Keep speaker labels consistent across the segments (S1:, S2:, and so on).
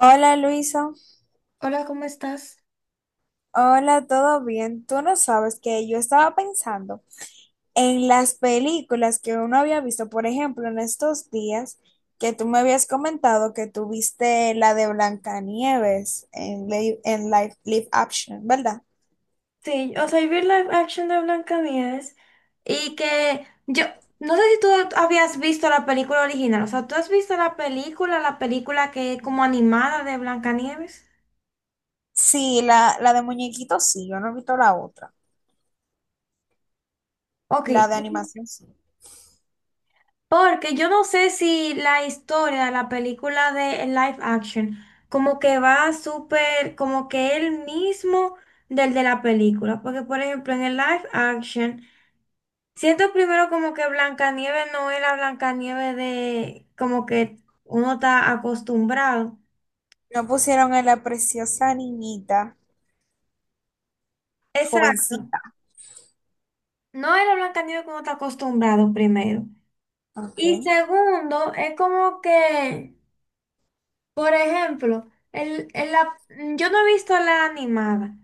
S1: Hola Luisa,
S2: Hola, ¿cómo estás?
S1: hola, ¿todo bien? Tú no sabes que yo estaba pensando en las películas que uno había visto, por ejemplo, en estos días que tú me habías comentado que tú viste la de Blancanieves en, en live action, ¿verdad?
S2: Sí, o sea, y vi live action de Blancanieves y que yo no sé si tú habías visto la película original, o sea, ¿tú has visto la película que es como animada de Blancanieves?
S1: Sí, la de muñequitos sí, yo no he visto la otra,
S2: Ok,
S1: la de animación sí.
S2: porque yo no sé si la historia de la película de live action como que va súper, como que el mismo del de la película, porque por ejemplo en el live action. Siento primero como que Blancanieves no es la Blancanieves de como que uno está acostumbrado.
S1: No pusieron a la preciosa niñita,
S2: Exacto.
S1: jovencita.
S2: No es la Blancanieves que uno está acostumbrado primero.
S1: Ok.
S2: Y segundo, es como que, por ejemplo, yo no he visto la animada,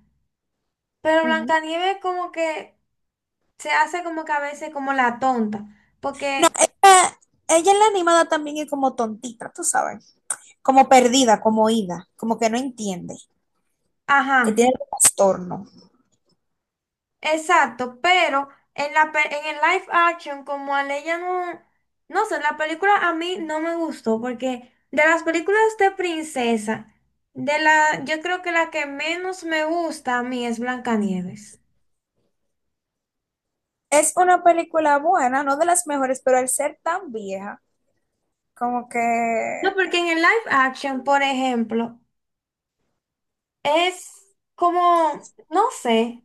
S2: pero
S1: Ujú.
S2: Blancanieves como que se hace como que a veces como la tonta,
S1: No,
S2: porque,
S1: ella en la animada también es como tontita, tú sabes, como perdida, como oída, como que no entiende, que
S2: ajá.
S1: tiene trastorno.
S2: Exacto, pero en el live action, como a ella no, no sé, la película a mí no me gustó, porque de las películas de princesa, yo creo que la que menos me gusta a mí es Blancanieves.
S1: Es una película buena, no de las mejores, pero al ser tan vieja, como que...
S2: No, porque en el live action, por ejemplo, es como, no sé.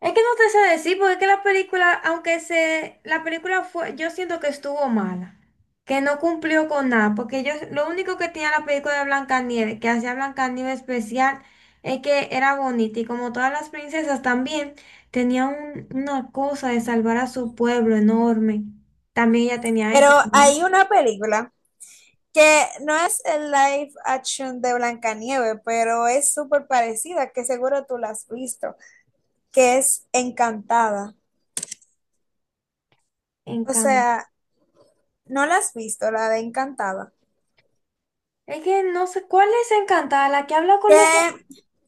S2: Es que no te sé decir, porque es que la película, la película fue, yo siento que estuvo mala, que no cumplió con nada, porque yo, lo único que tenía la película de Blancanieves, que hacía Blancanieves especial, es que era bonita, y como todas las princesas también, tenía una cosa de salvar a su pueblo enorme, también ella tenía
S1: Pero
S2: eso,
S1: hay una película que no es el live action de Blancanieves, pero es súper parecida, que seguro tú la has visto, que es Encantada. O
S2: encanto.
S1: sea, no la has visto, la de Encantada.
S2: Es que no sé, ¿cuál es Encantada? La que habla con
S1: Que
S2: los,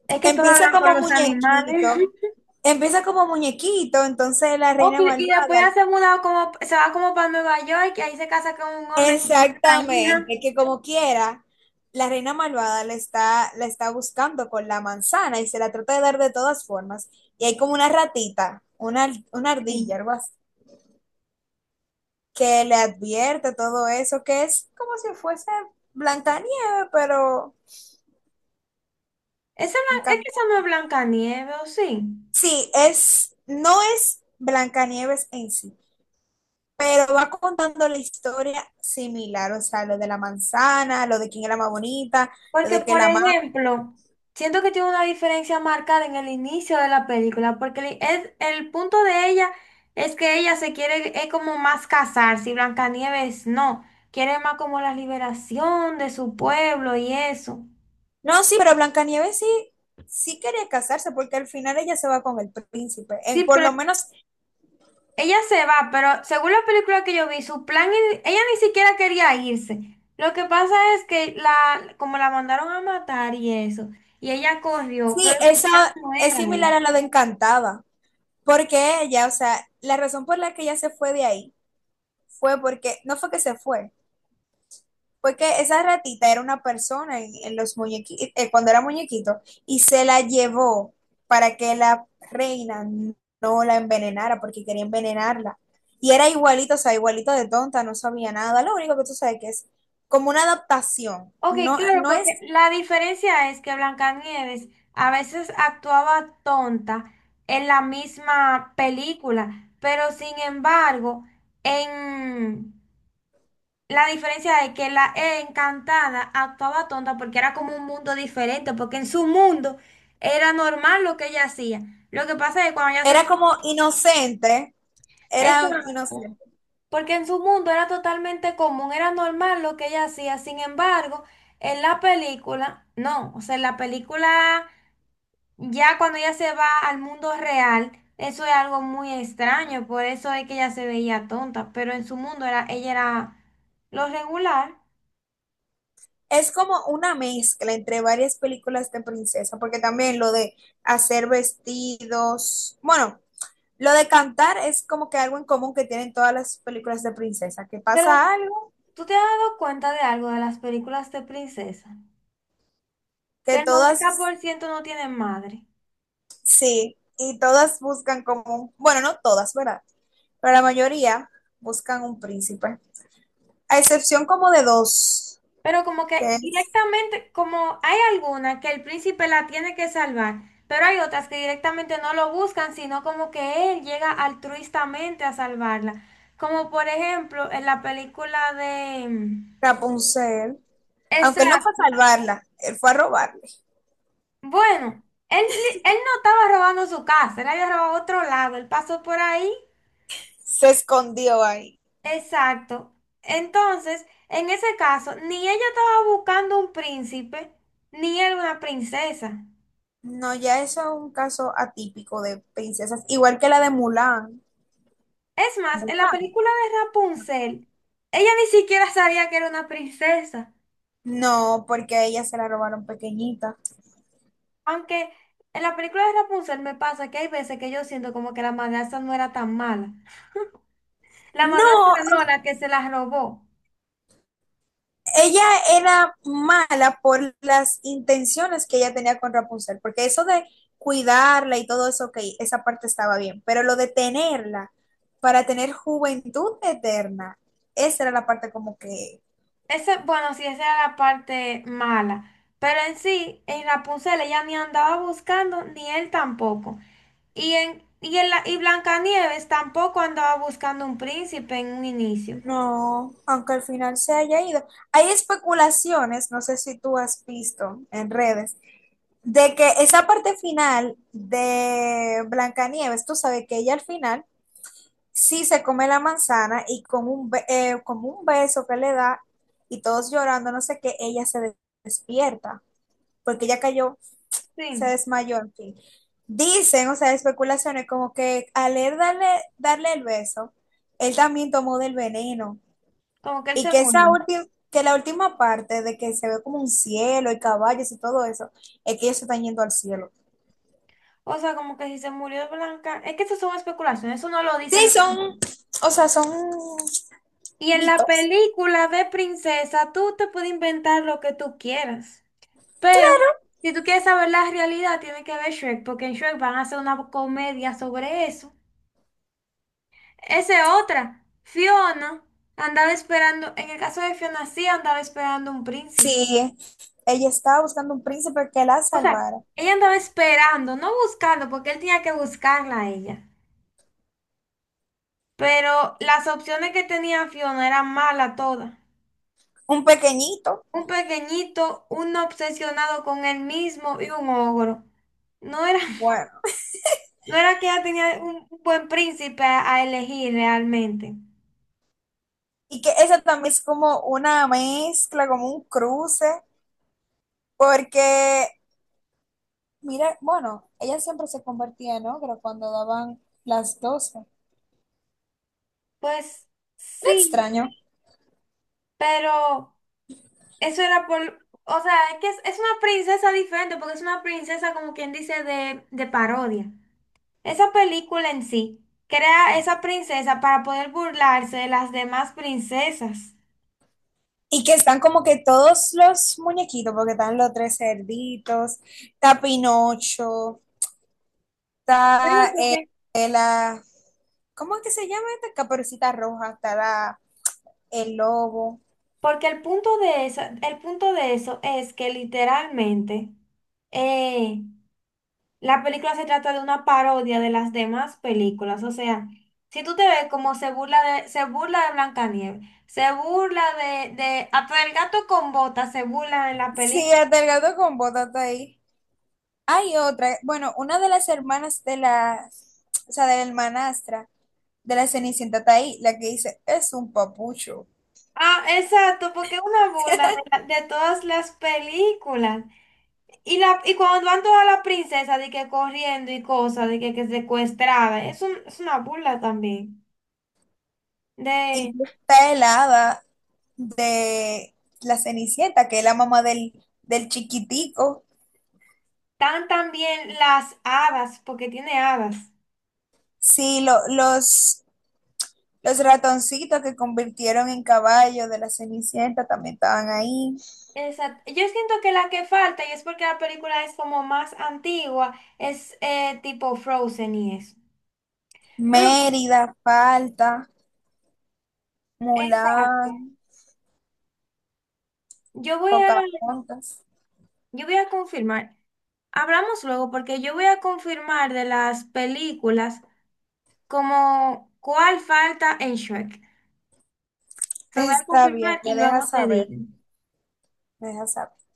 S2: es que todos
S1: empieza
S2: hablan con
S1: como
S2: los
S1: muñequito,
S2: animales.
S1: empieza como muñequito, entonces la
S2: Ok,
S1: reina
S2: y después ya
S1: malvada.
S2: se mudado como, se va como para Nueva York y ahí se casa con un hombre que tiene una hija.
S1: Exactamente, que como quiera, la reina malvada la está buscando con la manzana y se la trata de dar de todas formas. Y hay como una ratita, una ardilla,
S2: Sí.
S1: algo así, que le advierte todo eso, que es como si fuese Blancanieve, pero...
S2: Esa,
S1: en
S2: es
S1: cam-
S2: que esa no es Blancanieves, ¿o sí?
S1: Sí, no es Blancanieves en sí, pero va contando la historia similar, o sea, lo de la manzana, lo de quién era más bonita, lo
S2: Porque,
S1: de que
S2: por
S1: la...
S2: ejemplo, siento que tiene una diferencia marcada en el inicio de la película, porque el punto de ella es que ella se quiere, es como más casarse, y Blancanieves no, quiere más como la liberación de su pueblo y eso.
S1: No, sí, pero Blancanieves sí, sí quería casarse porque al final ella se va con el príncipe.
S2: Sí,
S1: Por lo
S2: pero
S1: menos,
S2: ella se va, pero según la película que yo vi, su plan, ella ni siquiera quería irse. Lo que pasa es que la, como la mandaron a matar y eso, y ella corrió,
S1: sí,
S2: pero su
S1: eso
S2: plan no
S1: es
S2: era
S1: similar
S2: eso.
S1: a lo de Encantada, porque ella, o sea, la razón por la que ella se fue de ahí fue porque, no fue que se fue. Porque esa ratita era una persona en los muñequitos, cuando era muñequito, y se la llevó para que la reina no la envenenara, porque quería envenenarla. Y era igualito, o sea, igualito de tonta, no sabía nada. Lo único que tú sabes que es como una adaptación.
S2: Ok,
S1: No,
S2: claro,
S1: no
S2: porque
S1: es,
S2: la diferencia es que Blancanieves a veces actuaba tonta en la misma película, pero sin embargo, en La diferencia es que la E encantada actuaba tonta porque era como un mundo diferente, porque en su mundo era normal lo que ella hacía. Lo que pasa es que cuando ella se...
S1: era como inocente, era
S2: Exacto.
S1: inocente.
S2: Porque en su mundo era totalmente común, era normal lo que ella hacía. Sin embargo, en la película, no. O sea, en la película, ya cuando ella se va al mundo real, eso es algo muy extraño. Por eso es que ella se veía tonta. Pero en su mundo era, ella era lo regular.
S1: Es como una mezcla entre varias películas de princesa, porque también lo de hacer vestidos, bueno. Lo de cantar es como que algo en común que tienen todas las películas de princesa, que
S2: Pero,
S1: pasa algo,
S2: ¿tú te has dado cuenta de algo de las películas de princesa?
S1: que
S2: Que el noventa
S1: todas,
S2: por ciento no tienen madre.
S1: sí, y todas buscan como, bueno, no todas, ¿verdad? Pero la mayoría buscan un príncipe, a excepción como de dos,
S2: Pero como que
S1: que es
S2: directamente, como hay alguna que el príncipe la tiene que salvar, pero hay otras que directamente no lo buscan, sino como que él llega altruistamente a salvarla. Como por ejemplo en la película de...
S1: Rapunzel, aunque él no fue
S2: Exacto.
S1: a salvarla, él fue a robarle,
S2: Bueno, él, él no estaba robando su casa, él había robado otro lado, él pasó por ahí.
S1: se escondió ahí.
S2: Exacto. Entonces, en ese caso, ni ella estaba buscando un príncipe, ni él una princesa.
S1: No, ya eso es un caso atípico de princesas, igual que la de Mulan.
S2: Es más, en la
S1: Mulan.
S2: película de Rapunzel, ella ni siquiera sabía que era una princesa.
S1: No, porque a ella se la robaron pequeñita.
S2: Aunque en la película de Rapunzel me pasa que hay veces que yo siento como que la madrastra no era tan mala. La
S1: No,
S2: madrastra no, la que se la robó.
S1: ella era mala por las intenciones que ella tenía con Rapunzel, porque eso de cuidarla y todo eso, ok, esa parte estaba bien, pero lo de tenerla para tener juventud eterna, esa era la parte como que
S2: Ese, bueno, sí, esa era la parte mala. Pero en sí, en Rapunzel ella ni andaba buscando, ni él tampoco. Y Blancanieves tampoco andaba buscando un príncipe en un inicio.
S1: no, aunque al final se haya ido. Hay especulaciones, no sé si tú has visto en redes, de que esa parte final de Blancanieves, tú sabes que ella al final sí se come la manzana y con como un beso que le da y todos llorando, no sé qué, despierta porque ella cayó, se
S2: Sí,
S1: desmayó, en fin. Dicen, o sea, especulaciones como que al él darle el beso, él también tomó del veneno
S2: como que él
S1: y
S2: se
S1: que esa
S2: murió.
S1: última, que la última parte de que se ve como un cielo y caballos y todo eso, es que ellos se están yendo al cielo.
S2: O sea, como que si se murió Blanca. Es que eso son especulaciones, eso no lo dicen
S1: Sí,
S2: las.
S1: son, o sea, son
S2: Y en la
S1: mitos.
S2: película de princesa, tú te puedes inventar lo que tú quieras. Pero si tú quieres saber la realidad, tienes que ver Shrek, porque en Shrek van a hacer una comedia sobre eso. Esa es otra. Fiona andaba esperando, en el caso de Fiona sí andaba esperando un príncipe.
S1: Sí, ella estaba buscando un príncipe que la
S2: O sea,
S1: salvara.
S2: ella andaba esperando, no buscando, porque él tenía que buscarla a ella. Pero las opciones que tenía Fiona eran malas todas.
S1: Un pequeñito,
S2: Un pequeñito, un obsesionado con él mismo y un ogro. No era
S1: bueno.
S2: No era que ella tenía un buen príncipe a elegir realmente.
S1: Y que esa también es como una mezcla, como un cruce, porque, mira, bueno, ella siempre se convertía en ogro cuando daban las 12. No
S2: Pues sí,
S1: extraño.
S2: pero eso era por, o sea, es que es una princesa diferente porque es una princesa como quien dice de parodia. Esa película en sí crea esa princesa para poder burlarse de las demás princesas.
S1: Y que están como que todos los muñequitos, porque están los tres cerditos, está Pinocho, está eh, eh, la, ¿cómo es que se llama esta? Caperucita Roja, está el lobo.
S2: Porque el punto de eso, el punto de eso es que literalmente eh, La película se trata de una parodia de las demás películas. O sea, si tú te ves como se burla de Blancanieves, se burla de hasta del gato con botas se burla en la
S1: Sí,
S2: película.
S1: hasta el gato con botas está ahí. Hay otra, bueno, una de las hermanas de la, o sea, de la hermanastra de la Cenicienta está ahí, la que dice, es un papucho.
S2: Ah, exacto, porque es una burla de de todas las películas. Y cuando van todas las princesas de que corriendo y cosas, que secuestrada, es una burla también. De,
S1: Incluso está el hada de la Cenicienta, que es la mamá del, del chiquitico.
S2: tan también las hadas, porque tiene hadas.
S1: Sí, los ratoncitos que convirtieron en caballo de la Cenicienta también estaban ahí.
S2: Exacto. Yo siento que la que falta, y es porque la película es como más antigua, es tipo Frozen y eso. Pero, bueno,
S1: Mérida, falta,
S2: exacto.
S1: Mulán,
S2: Yo voy a,
S1: Pocahontas.
S2: yo voy a confirmar. Hablamos luego porque yo voy a confirmar de las películas como cuál falta en Shrek. Lo voy a
S1: Está bien,
S2: confirmar
S1: me
S2: y luego
S1: dejas
S2: te
S1: saber,
S2: digo.
S1: me dejas saber.